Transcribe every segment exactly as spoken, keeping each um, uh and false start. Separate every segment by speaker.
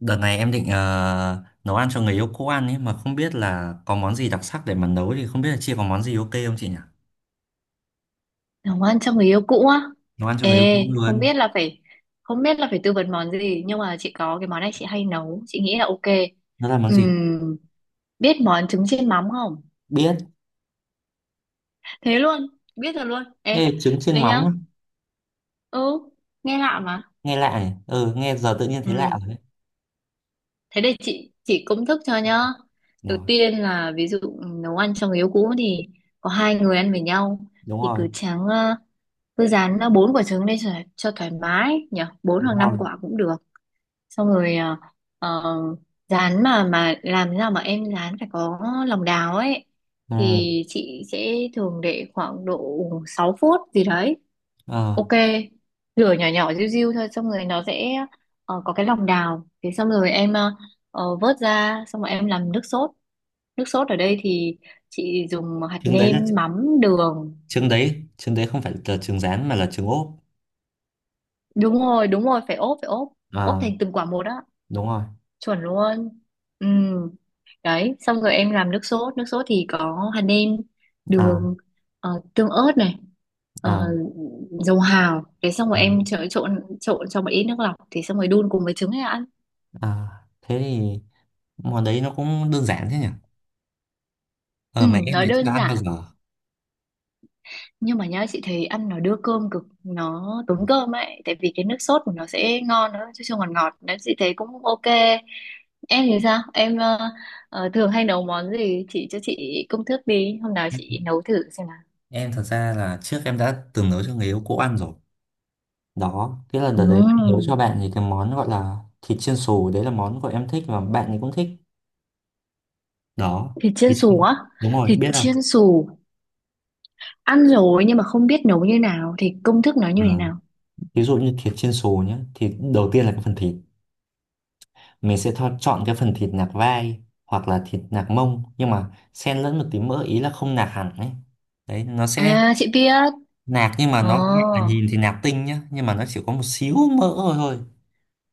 Speaker 1: Đợt này em định ờ, nấu ăn cho người yêu cũ ăn ấy mà không biết là có món gì đặc sắc để mà nấu thì không biết là chị có món gì ok không chị nhỉ?
Speaker 2: Nấu ăn cho người yêu cũ á.
Speaker 1: Nấu ăn cho người yêu cũ
Speaker 2: Ê, không
Speaker 1: luôn.
Speaker 2: biết là phải không biết là phải tư vấn món gì, nhưng mà chị có cái món này chị hay nấu, chị nghĩ là ok.
Speaker 1: Nó là món gì?
Speaker 2: Ừm, Biết món trứng chiên mắm không?
Speaker 1: Biết.
Speaker 2: Thế luôn? Biết rồi luôn? Ê,
Speaker 1: Ê, trứng chiên
Speaker 2: đây
Speaker 1: mắm
Speaker 2: nhá.
Speaker 1: á.
Speaker 2: Ừ, nghe lạ mà.
Speaker 1: Nghe lạ nhỉ? Ừ, nghe giờ tự nhiên thấy lạ
Speaker 2: Ừm,
Speaker 1: rồi đấy.
Speaker 2: Thế đây, chị chị công thức cho nhá. Đầu
Speaker 1: Rồi,
Speaker 2: tiên là ví dụ nấu ăn cho người yêu cũ thì có hai người ăn với nhau,
Speaker 1: đúng
Speaker 2: thì
Speaker 1: rồi,
Speaker 2: cứ tráng ờ, cứ rán ờ, bốn quả trứng lên, cho, cho thoải mái nhỉ, bốn hoặc
Speaker 1: đúng
Speaker 2: năm
Speaker 1: rồi.
Speaker 2: quả cũng được. Xong rồi à, ờ, rán mà mà làm thế nào mà em rán phải có lòng đào ấy,
Speaker 1: Ừ,
Speaker 2: thì chị sẽ thường để khoảng độ sáu phút gì đấy.
Speaker 1: ờ,
Speaker 2: Ok, lửa nhỏ nhỏ riu riu thôi, xong rồi nó sẽ ờ, có cái lòng đào, thế xong rồi em ờ, ờ, vớt ra, xong rồi em làm nước sốt. Nước sốt ở đây thì chị dùng hạt
Speaker 1: trứng đấy là
Speaker 2: nêm, mắm, đường.
Speaker 1: trứng đấy, trứng đấy không phải là trứng rán mà là trứng ốp.
Speaker 2: Đúng rồi, đúng rồi, phải ốp, phải ốp. Ốp
Speaker 1: Ờ,
Speaker 2: thành từng quả một á.
Speaker 1: đúng rồi.
Speaker 2: Chuẩn luôn. Ừ. Đấy, xong rồi em làm nước sốt. Nước sốt thì có hạt nêm,
Speaker 1: Ờ,
Speaker 2: đường, ờ, tương ớt này, ờ,
Speaker 1: ờ,
Speaker 2: dầu hào. Thế xong rồi
Speaker 1: ờ,
Speaker 2: em trộn, trộn, trộn, cho một ít nước lọc, thì xong rồi đun cùng với trứng là ăn.
Speaker 1: ờ. Thế thì món đấy nó cũng đơn giản thế nhỉ? Ờ,
Speaker 2: Ừ,
Speaker 1: mà em
Speaker 2: nó
Speaker 1: lại chưa
Speaker 2: đơn
Speaker 1: ăn bao
Speaker 2: giản,
Speaker 1: giờ.
Speaker 2: nhưng mà nhá, chị thấy ăn nó đưa cơm cực, nó tốn cơm ấy, tại vì cái nước sốt của nó sẽ ngon nữa chứ không, ngọt ngọt đấy, chị thấy cũng ok. Em thì sao, em ờ, ờ, thường hay nấu món gì? Chị cho chị công thức đi, hôm nào chị nấu thử xem.
Speaker 1: Em thật ra là trước em đã từng nấu cho người yêu cũ ăn rồi. Đó, cái lần đợt ờ, đấy em
Speaker 2: Ừm,
Speaker 1: nấu cho bạn thì cái món gọi là thịt chiên xù, đấy là món của em thích và bạn ấy cũng thích. Đó,
Speaker 2: Thịt chiên
Speaker 1: thịt
Speaker 2: xù á?
Speaker 1: đúng rồi,
Speaker 2: Thịt
Speaker 1: biết không?
Speaker 2: chiên xù ăn rồi, nhưng mà không biết nấu như nào, thì công thức nó như thế
Speaker 1: À,
Speaker 2: nào?
Speaker 1: ví dụ như thịt chiên xù nhé, thì đầu tiên là cái phần thịt. Mình sẽ tho- chọn cái phần thịt nạc vai hoặc là thịt nạc mông nhưng mà xen lẫn một tí mỡ ý là không nạc hẳn ấy. Đấy, nó sẽ
Speaker 2: À, chị biết.
Speaker 1: nạc nhưng mà nó cũng là
Speaker 2: Ồ.
Speaker 1: nhìn thì nạc tinh nhá, nhưng mà nó chỉ có một xíu mỡ thôi thôi.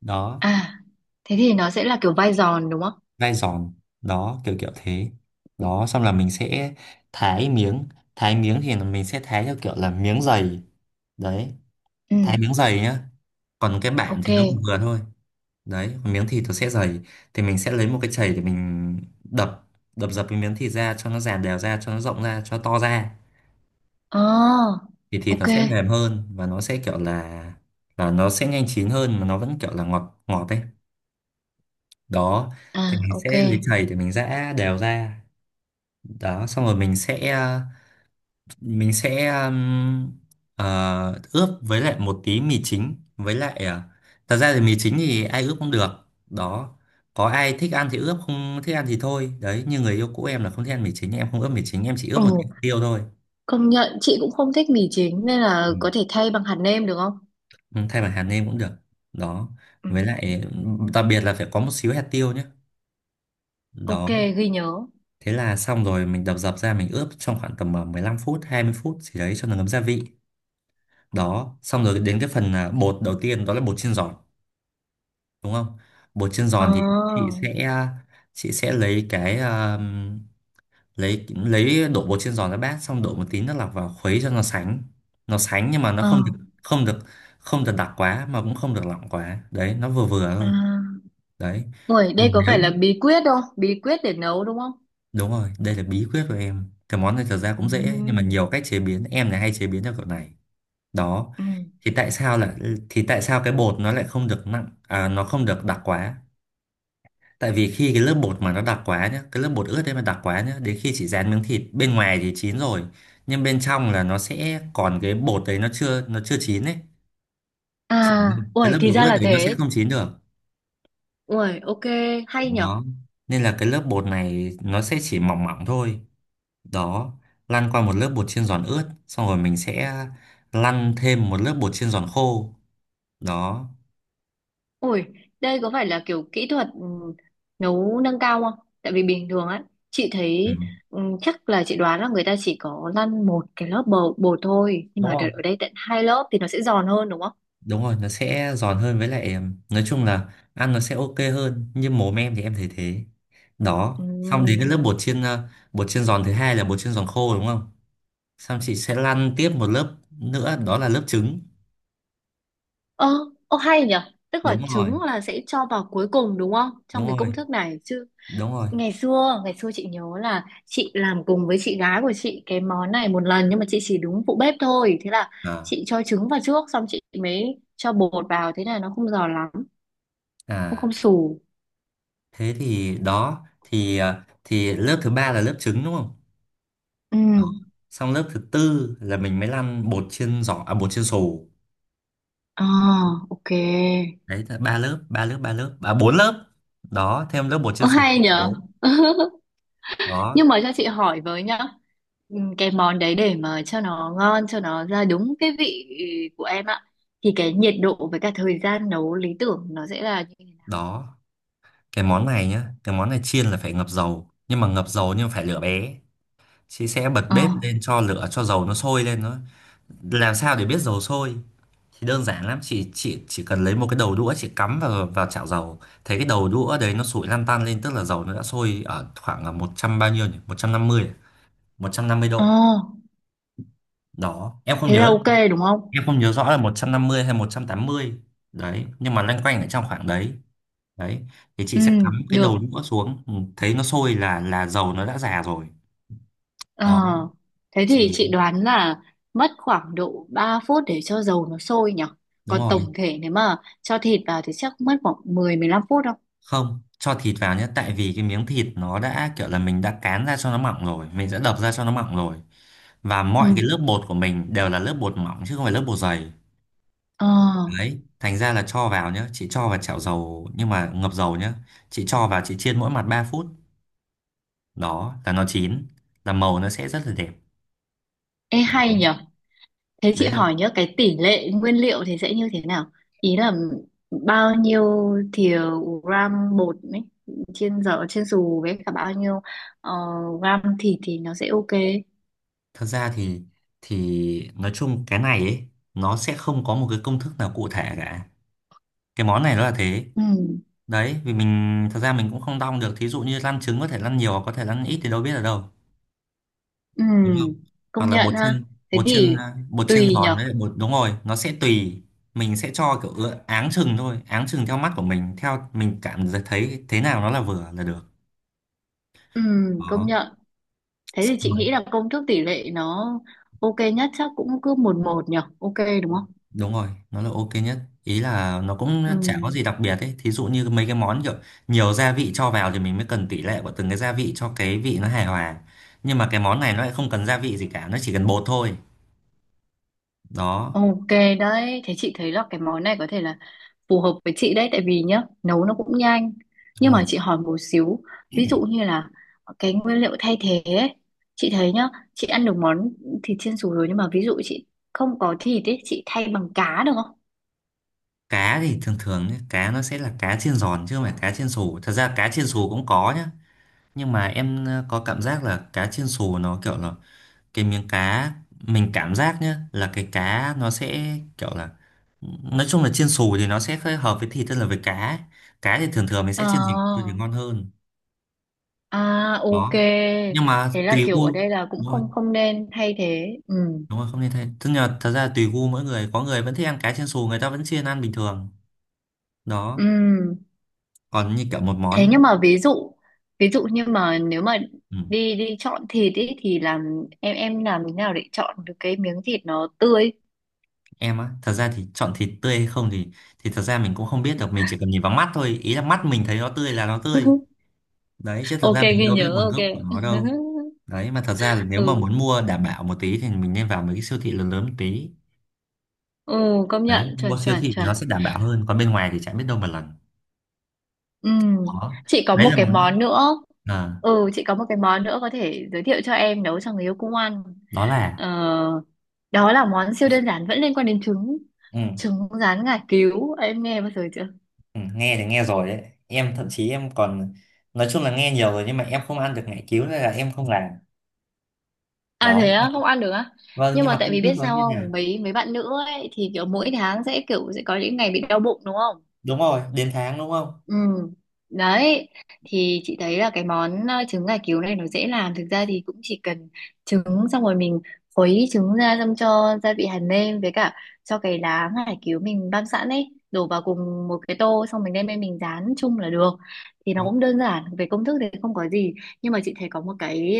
Speaker 1: Đó,
Speaker 2: À, thế thì nó sẽ là kiểu vai giòn đúng không?
Speaker 1: gai giòn, đó kiểu kiểu thế, đó xong là mình sẽ thái miếng, thái miếng thì là mình sẽ thái theo kiểu là miếng dày. Đấy,
Speaker 2: Ừ.
Speaker 1: thái miếng dày nhá, còn cái bản
Speaker 2: Ok.
Speaker 1: thì nó vừa vừa thôi. Đấy, còn miếng thịt nó sẽ dày, thì mình sẽ lấy một cái chày để mình đập, đập dập cái miếng thịt ra cho nó dàn đều ra cho nó rộng ra cho nó to ra,
Speaker 2: Ờ.
Speaker 1: thì thịt nó
Speaker 2: Ok.
Speaker 1: sẽ mềm hơn và nó sẽ kiểu là là nó sẽ nhanh chín hơn mà nó vẫn kiểu là ngọt ngọt ấy. Đó,
Speaker 2: À.
Speaker 1: thì mình
Speaker 2: Ok.
Speaker 1: sẽ lấy chày để mình giã đều ra. Đó xong rồi mình sẽ mình sẽ um, ờ, ướp với lại một tí mì chính với lại ờ, thật ra thì mì chính thì ai ướp cũng được. Đó, có ai thích ăn thì ướp, không thích ăn thì thôi, đấy như người yêu cũ em là không thích ăn mì chính, em không ướp mì chính, em chỉ ướp
Speaker 2: Ừ.
Speaker 1: một tí hạt tiêu thôi.
Speaker 2: Công nhận chị cũng không thích mì chính, nên là
Speaker 1: Ừ.
Speaker 2: có thể thay bằng hạt nêm được không?
Speaker 1: Ừ, thay bằng hạt nêm cũng được. Đó,
Speaker 2: Ừ.
Speaker 1: với lại đặc biệt là phải có một xíu hạt tiêu nhé.
Speaker 2: Ok,
Speaker 1: Đó,
Speaker 2: ghi nhớ.
Speaker 1: thế là xong rồi mình đập dập ra, mình ướp trong khoảng tầm ờ, mười lăm phút hai mươi phút gì đấy cho nó ngấm gia vị. Đó xong rồi đến cái phần à, bột đầu tiên đó là bột chiên giòn, đúng không? Bột chiên
Speaker 2: Ờ.
Speaker 1: giòn thì chị sẽ chị sẽ lấy cái um, lấy lấy đổ bột chiên giòn ra bát, xong đổ một tí nước lọc vào khuấy cho nó sánh. Nó sánh nhưng mà nó
Speaker 2: Ờ.
Speaker 1: không được, không được không được đặc quá mà cũng không được lỏng quá, đấy nó vừa vừa thôi.
Speaker 2: À.
Speaker 1: Đấy
Speaker 2: Ui,
Speaker 1: vì
Speaker 2: đây có
Speaker 1: nếu
Speaker 2: phải là bí quyết không, bí quyết để nấu đúng không?
Speaker 1: đúng rồi, đây là bí quyết của em, cái món này thật ra
Speaker 2: Ừ.
Speaker 1: cũng dễ nhưng mà nhiều cách chế biến, em này hay chế biến theo kiểu này. Đó,
Speaker 2: Ừ.
Speaker 1: thì tại sao là thì tại sao cái bột nó lại không được nặng à, nó không được đặc quá. Tại vì khi cái lớp bột mà nó đặc quá nhá, cái lớp bột ướt đấy mà đặc quá nhá, đến khi chị rán miếng thịt bên ngoài thì chín rồi, nhưng bên trong là nó sẽ còn cái bột đấy nó chưa nó chưa chín đấy, chỉ
Speaker 2: À,
Speaker 1: cái
Speaker 2: ui,
Speaker 1: lớp
Speaker 2: thì
Speaker 1: bột
Speaker 2: ra
Speaker 1: ướt
Speaker 2: là
Speaker 1: đấy nó sẽ
Speaker 2: thế.
Speaker 1: không chín được.
Speaker 2: Ui, ok, hay nhở.
Speaker 1: Đó, nên là cái lớp bột này nó sẽ chỉ mỏng mỏng thôi. Đó, lăn qua một lớp bột chiên giòn ướt, xong rồi mình sẽ lăn thêm một lớp bột chiên giòn khô. Đó,
Speaker 2: Ui, đây có phải là kiểu kỹ thuật ừ, nấu nâng cao không? Tại vì bình thường á, chị
Speaker 1: ừ,
Speaker 2: thấy ừ, chắc là chị đoán là người ta chỉ có lăn một cái lớp bột, bột thôi. Nhưng
Speaker 1: đúng
Speaker 2: mà đợt
Speaker 1: không?
Speaker 2: ở đây tận hai lớp thì nó sẽ giòn hơn đúng không?
Speaker 1: Đúng rồi, nó sẽ giòn hơn với lại nói chung là ăn nó sẽ ok hơn, như mồm em thì em thấy thế.
Speaker 2: Ừ.
Speaker 1: Đó xong đến cái lớp bột chiên ờ, bột chiên giòn thứ hai là bột chiên giòn khô, đúng không? Xong chị sẽ lăn tiếp một lớp nữa, đó là lớp trứng.
Speaker 2: Ơ, ô hay nhỉ? Tức là
Speaker 1: Đúng rồi,
Speaker 2: trứng là sẽ cho vào cuối cùng đúng không?
Speaker 1: đúng
Speaker 2: Trong cái
Speaker 1: rồi,
Speaker 2: công thức này chứ.
Speaker 1: đúng rồi,
Speaker 2: Ngày xưa, ngày xưa chị nhớ là chị làm cùng với chị gái của chị cái món này một lần, nhưng mà chị chỉ đúng phụ bếp thôi. Thế là
Speaker 1: à,
Speaker 2: chị cho trứng vào trước, xong chị mới cho bột vào, thế là nó không giòn lắm, cũng
Speaker 1: à
Speaker 2: không xù.
Speaker 1: thế thì đó thì ờ, thì lớp thứ ba là lớp trứng đúng không.
Speaker 2: Ừ.
Speaker 1: Đó, xong lớp thứ tư là mình mới lăn bột chiên giòn à bột chiên xù.
Speaker 2: À, ok.
Speaker 1: Đấy là ba lớp ba lớp ba lớp à bốn lớp. Đó, thêm lớp bột
Speaker 2: Ô
Speaker 1: chiên xù
Speaker 2: hay
Speaker 1: là
Speaker 2: nhỉ?
Speaker 1: bốn. Đó,
Speaker 2: Nhưng mà cho chị hỏi với nhá, ừ, cái món đấy để mà cho nó ngon, cho nó ra đúng cái vị của em ạ, thì cái nhiệt độ với cả thời gian nấu lý tưởng nó sẽ là như thế nào?
Speaker 1: đó cái món này nhá, cái món này chiên là phải ngập dầu, nhưng mà ngập dầu nhưng phải lửa bé. Chị sẽ bật
Speaker 2: Ờ,
Speaker 1: bếp lên cho lửa cho dầu nó sôi lên. Nó làm sao để biết dầu sôi thì đơn giản lắm, chị chị chỉ cần lấy một cái đầu đũa, chị cắm vào vào chảo dầu, thấy cái đầu đũa đấy nó sủi lăn tăn lên tức là dầu nó đã sôi ở khoảng là một trăm bao nhiêu nhỉ, một trăm năm mươi à? một trăm năm mươi
Speaker 2: ờ,
Speaker 1: độ Đó em không
Speaker 2: Thế là
Speaker 1: nhớ,
Speaker 2: ok đúng không?
Speaker 1: em không nhớ rõ là một trăm năm mươi hay một trăm tám mươi. Đấy nhưng mà loanh quanh ở trong khoảng đấy. Đấy thì
Speaker 2: Ừ,
Speaker 1: chị sẽ cắm cái
Speaker 2: được.
Speaker 1: đầu đũa xuống, ừ, thấy nó sôi là là dầu nó đã già rồi.
Speaker 2: Ờ,
Speaker 1: Đó,
Speaker 2: Thế thì
Speaker 1: chị
Speaker 2: chị đoán là mất khoảng độ ba phút để cho dầu nó sôi nhỉ?
Speaker 1: đúng
Speaker 2: Còn
Speaker 1: rồi,
Speaker 2: tổng thể nếu mà cho thịt vào thì chắc mất khoảng mười, mười lăm phút đâu.
Speaker 1: không cho thịt vào nhé, tại vì cái miếng thịt nó đã kiểu là mình đã cán ra cho nó mỏng rồi, mình đã đập ra cho nó mỏng rồi, và
Speaker 2: Ừ,
Speaker 1: mọi cái lớp bột của mình đều là lớp bột mỏng chứ không phải lớp bột dày.
Speaker 2: ờ,
Speaker 1: Đấy thành ra là cho vào nhé, chị cho vào chảo dầu nhưng mà ngập dầu nhé. Chị cho vào chị chiên mỗi mặt ba phút, đó là nó chín, là màu nó sẽ rất là đẹp.
Speaker 2: ê
Speaker 1: Đó,
Speaker 2: hay nhỉ? Thế chị
Speaker 1: đấy là
Speaker 2: hỏi nhớ cái tỷ lệ nguyên liệu thì sẽ như thế nào? Ý là bao nhiêu thìa, gram bột ấy, trên giò trên xù, với cả bao nhiêu ờ, gram thịt thì nó sẽ ok.
Speaker 1: thật ra thì thì nói chung cái này ấy, nó sẽ không có một cái công thức nào cụ thể cả. Cái món này nó là thế.
Speaker 2: Ừ,
Speaker 1: Đấy, vì mình thật ra mình cũng không đong được. Thí dụ như lăn trứng có thể lăn nhiều có thể lăn ít thì đâu biết ở đâu.
Speaker 2: ừ,
Speaker 1: Đúng không? Hoặc
Speaker 2: công
Speaker 1: là
Speaker 2: nhận
Speaker 1: bột
Speaker 2: ha.
Speaker 1: chiên
Speaker 2: Thế
Speaker 1: bột chiên
Speaker 2: thì
Speaker 1: à, bột chiên
Speaker 2: tùy
Speaker 1: giòn
Speaker 2: nhở.
Speaker 1: với lại bột đúng rồi, nó sẽ tùy mình sẽ cho kiểu ựa- áng chừng thôi, áng chừng theo mắt của mình, theo mình cảm thấy thế nào nó là vừa là được.
Speaker 2: Ừ, công
Speaker 1: Đó.
Speaker 2: nhận. Thế thì
Speaker 1: Xong
Speaker 2: chị
Speaker 1: rồi.
Speaker 2: nghĩ là công thức tỷ lệ nó ok nhất chắc cũng cứ một một nhở. Ok đúng không?
Speaker 1: Đúng rồi, nó là ok nhất. Ý là nó cũng
Speaker 2: Ừ,
Speaker 1: chả có gì đặc biệt ấy. Thí dụ như mấy cái món kiểu nhiều gia vị cho vào thì mình mới cần tỷ lệ của từng cái gia vị cho cái vị nó hài hòa. Nhưng mà cái món này nó lại không cần gia vị gì cả, nó chỉ cần bột thôi. Đó,
Speaker 2: ok đấy. Thế chị thấy là cái món này có thể là phù hợp với chị đấy, tại vì nhá nấu nó cũng nhanh, nhưng
Speaker 1: đúng rồi.
Speaker 2: mà chị hỏi một xíu, ví dụ như là cái nguyên liệu thay thế ấy, chị thấy nhá, chị ăn được món thịt chiên xù rồi, nhưng mà ví dụ chị không có thịt ấy, chị thay bằng cá được không?
Speaker 1: Cá thì thường thường nhé, cá nó sẽ là cá chiên giòn chứ không phải cá chiên xù. Thật ra cá chiên xù cũng có nhá. Nhưng mà em ờ, có cảm giác là cá chiên xù nó kiểu là cái miếng cá, mình cảm giác nhá là cái cá nó sẽ kiểu là nói chung là chiên xù thì nó sẽ hơi hợp với thịt hơn là với cá. Cá thì thường thường mình
Speaker 2: Ờ.
Speaker 1: sẽ chiên dìm thì ngon hơn.
Speaker 2: À, ok.
Speaker 1: Đó nhưng mà
Speaker 2: Thế là
Speaker 1: tùy
Speaker 2: kiểu ở
Speaker 1: gu,
Speaker 2: đây là cũng
Speaker 1: đúng rồi,
Speaker 2: không không nên thay thế. Ừ.
Speaker 1: đúng rồi, không nên thay, tức là thật ra tùy gu mỗi người, có người vẫn thích ăn cá chiên xù, người ta vẫn chiên ăn bình thường. Đó
Speaker 2: Ừ.
Speaker 1: còn như kiểu một
Speaker 2: Thế
Speaker 1: món,
Speaker 2: nhưng mà ví dụ ví dụ như mà nếu mà
Speaker 1: ừ,
Speaker 2: đi đi chọn thịt ấy thì làm, em em làm thế nào để chọn được cái miếng thịt nó tươi?
Speaker 1: em á thật ra thì chọn thịt tươi hay không thì thì thật ra mình cũng không biết được, mình chỉ cần nhìn vào mắt thôi, ý là mắt mình thấy nó tươi là nó tươi. Đấy chứ thật
Speaker 2: Ok,
Speaker 1: ra mình
Speaker 2: ghi
Speaker 1: đâu biết
Speaker 2: nhớ,
Speaker 1: nguồn
Speaker 2: ok.
Speaker 1: gốc của nó đâu. Đấy mà thật ra là nếu mà
Speaker 2: Ừ.
Speaker 1: muốn mua đảm bảo một tí thì mình nên vào mấy cái siêu thị lớn lớn một tí.
Speaker 2: Ừ, công
Speaker 1: Đấy
Speaker 2: nhận,
Speaker 1: mua
Speaker 2: chuẩn
Speaker 1: siêu
Speaker 2: chuẩn
Speaker 1: thị thì
Speaker 2: chuẩn.
Speaker 1: nó sẽ đảm bảo hơn, còn bên ngoài thì chẳng biết đâu mà lần.
Speaker 2: Ừ,
Speaker 1: Đó,
Speaker 2: chị có
Speaker 1: đấy
Speaker 2: một
Speaker 1: là
Speaker 2: cái
Speaker 1: món
Speaker 2: món nữa
Speaker 1: à,
Speaker 2: ừ chị có một cái món nữa có thể giới thiệu cho em nấu cho người yêu cũng ăn.
Speaker 1: đó là
Speaker 2: ờ, Đó là món siêu đơn giản, vẫn liên quan đến trứng
Speaker 1: ừ,
Speaker 2: trứng rán ngải cứu, em nghe bao giờ chưa?
Speaker 1: ừ, nghe thì nghe rồi đấy, em thậm chí em còn nói chung là nghe nhiều rồi, nhưng mà em không ăn được ngải cứu nên là em không làm.
Speaker 2: À,
Speaker 1: Đó,
Speaker 2: thế á? Không ăn được á?
Speaker 1: vâng
Speaker 2: Nhưng
Speaker 1: nhưng
Speaker 2: mà
Speaker 1: mà
Speaker 2: tại
Speaker 1: cũng
Speaker 2: vì
Speaker 1: thức
Speaker 2: biết
Speaker 1: đó
Speaker 2: sao
Speaker 1: như thế nào,
Speaker 2: không, mấy mấy bạn nữ ấy thì kiểu mỗi tháng sẽ kiểu sẽ có những ngày bị đau bụng đúng không?
Speaker 1: đúng rồi đến tháng đúng không.
Speaker 2: Ừ. Đấy, thì chị thấy là cái món ờ, trứng gà cứu này nó dễ làm, thực ra thì cũng chỉ cần trứng, xong rồi mình khuấy trứng ra, xong cho gia vị hạt nêm với cả cho cái lá ngải cứu mình băm sẵn ấy, đổ vào cùng một cái tô, xong mình đem lên mình rán chung là được. Thì nó
Speaker 1: Đúng.
Speaker 2: cũng đơn giản, về công thức thì không có gì, nhưng mà chị thấy có một cái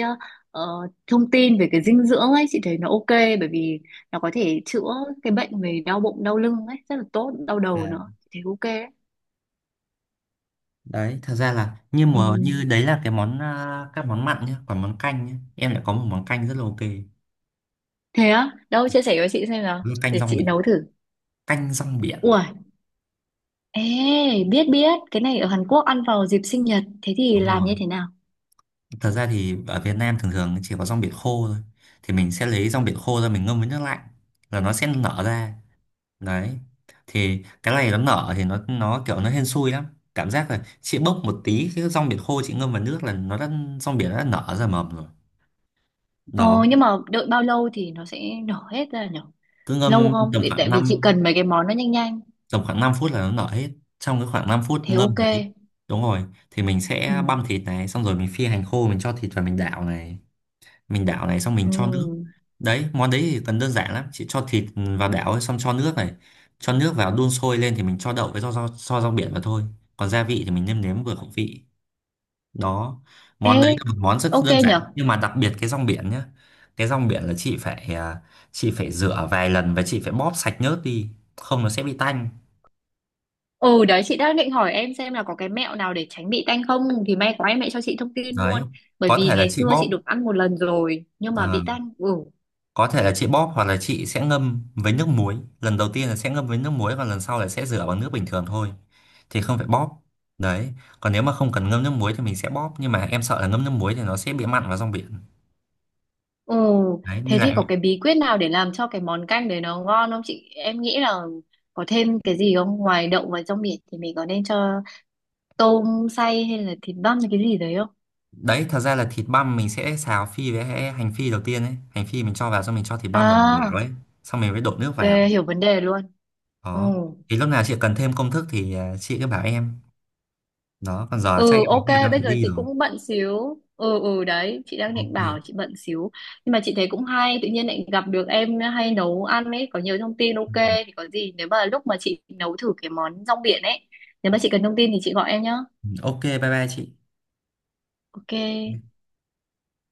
Speaker 2: ờ, thông tin về cái dinh dưỡng ấy, chị thấy nó ok, bởi vì nó có thể chữa cái bệnh về đau bụng, đau lưng ấy rất là tốt, đau
Speaker 1: À,
Speaker 2: đầu nữa, chị thấy ok đấy.
Speaker 1: đấy thật ra là như
Speaker 2: Ừ.
Speaker 1: mùa như đấy là cái món à, các món mặn nhá, còn món canh nhá em lại có một món canh rất là ok.
Speaker 2: Thế á? Đâu chia sẻ với chị xem nào.
Speaker 1: Đó là canh
Speaker 2: Để
Speaker 1: rong
Speaker 2: chị
Speaker 1: biển,
Speaker 2: nấu thử.
Speaker 1: canh rong biển,
Speaker 2: Ui, ê, biết biết, cái này ở Hàn Quốc ăn vào dịp sinh nhật, thế thì
Speaker 1: đúng
Speaker 2: làm
Speaker 1: rồi.
Speaker 2: như thế nào?
Speaker 1: Thật ra thì ở Việt Nam thường thường chỉ có rong biển khô thôi, thì mình sẽ lấy rong biển khô ra mình ngâm với nước lạnh là nó sẽ nở ra. Đấy thì cái này nó nở thì nó nó kiểu nó hên xui lắm, cảm giác là chị bốc một tí cái rong biển khô chị ngâm vào nước là nó đã, rong biển nó đã nở ra mầm rồi.
Speaker 2: Ờ,
Speaker 1: Đó,
Speaker 2: nhưng mà đợi bao lâu thì nó sẽ nở hết ra nhở?
Speaker 1: cứ
Speaker 2: Lâu
Speaker 1: ngâm
Speaker 2: không?
Speaker 1: tầm
Speaker 2: Để, tại
Speaker 1: khoảng
Speaker 2: vì chị
Speaker 1: năm,
Speaker 2: cần mấy cái món nó nhanh nhanh.
Speaker 1: tầm khoảng năm phút là nó nở hết, trong cái khoảng năm phút
Speaker 2: Thế ok.
Speaker 1: ngâm đấy. Đúng rồi, thì mình
Speaker 2: Ừ,
Speaker 1: sẽ băm thịt này, xong rồi mình phi hành khô, mình cho thịt vào mình đảo này, mình đảo này xong
Speaker 2: ừ.
Speaker 1: mình cho nước. Đấy món đấy thì cần đơn giản lắm, chị cho thịt vào đảo ấy, xong cho nước này, cho nước vào đun sôi lên thì mình cho đậu với rau rau, rau, rau biển vào thôi. Còn gia vị thì mình nêm nếm vừa khẩu vị. Đó, món
Speaker 2: Ê,
Speaker 1: đấy là một món rất
Speaker 2: ok
Speaker 1: đơn
Speaker 2: nhở?
Speaker 1: giản nhưng mà đặc biệt cái rong biển nhá. Cái rong biển là chị phải à, chị phải rửa vài lần và chị phải bóp sạch nhớt đi, không nó sẽ bị tanh.
Speaker 2: Ừ, đấy chị đang định hỏi em xem là có cái mẹo nào để tránh bị tanh không? Thì may quá em lại cho chị thông tin
Speaker 1: Đấy
Speaker 2: luôn. Bởi
Speaker 1: có
Speaker 2: vì
Speaker 1: thể là
Speaker 2: ngày
Speaker 1: chị
Speaker 2: xưa chị
Speaker 1: bóp,
Speaker 2: được ăn một lần rồi, nhưng mà bị
Speaker 1: ờ,
Speaker 2: tanh. Ừ,
Speaker 1: có thể là chị bóp hoặc là chị sẽ ngâm với nước muối, lần đầu tiên là sẽ ngâm với nước muối và lần sau là sẽ rửa bằng nước bình thường thôi thì không phải bóp. Đấy còn nếu mà không cần ngâm nước muối thì mình sẽ bóp, nhưng mà em sợ là ngâm nước muối thì nó sẽ bị mặn vào rong biển.
Speaker 2: ừ,
Speaker 1: Đấy
Speaker 2: thế
Speaker 1: nên
Speaker 2: thì
Speaker 1: lại,
Speaker 2: có cái bí quyết nào để làm cho cái món canh đấy nó ngon không chị? Em nghĩ là có thêm cái gì không? Ngoài đậu và rong biển thì mình có nên cho tôm xay hay là thịt băm hay cái gì đấy không?
Speaker 1: đấy thật ra là thịt băm mình sẽ xào phi với hẹ- hành phi đầu tiên ấy, hành phi mình cho vào xong mình cho thịt băm vào mình đảo
Speaker 2: À,
Speaker 1: ấy, xong mình mới đổ nước
Speaker 2: ok,
Speaker 1: vào.
Speaker 2: hiểu vấn đề luôn. Ừ.
Speaker 1: Đó thì lúc nào chị cần thêm công thức thì à, chị cứ bảo em. Đó còn giờ chắc em
Speaker 2: Ừ,
Speaker 1: có
Speaker 2: ok,
Speaker 1: việc em
Speaker 2: bây
Speaker 1: phải
Speaker 2: giờ
Speaker 1: đi
Speaker 2: chị
Speaker 1: rồi.
Speaker 2: cũng bận xíu. Ừ, ừ, đấy, chị đang định
Speaker 1: Ok.
Speaker 2: bảo chị bận xíu. Nhưng mà chị thấy cũng hay, tự nhiên lại gặp được em hay nấu ăn ấy, có nhiều thông tin ok. Thì có gì nếu mà lúc mà chị nấu thử cái món rong biển ấy, nếu mà chị cần thông tin thì chị gọi em nhá.
Speaker 1: Ok bye bye chị.
Speaker 2: Ok,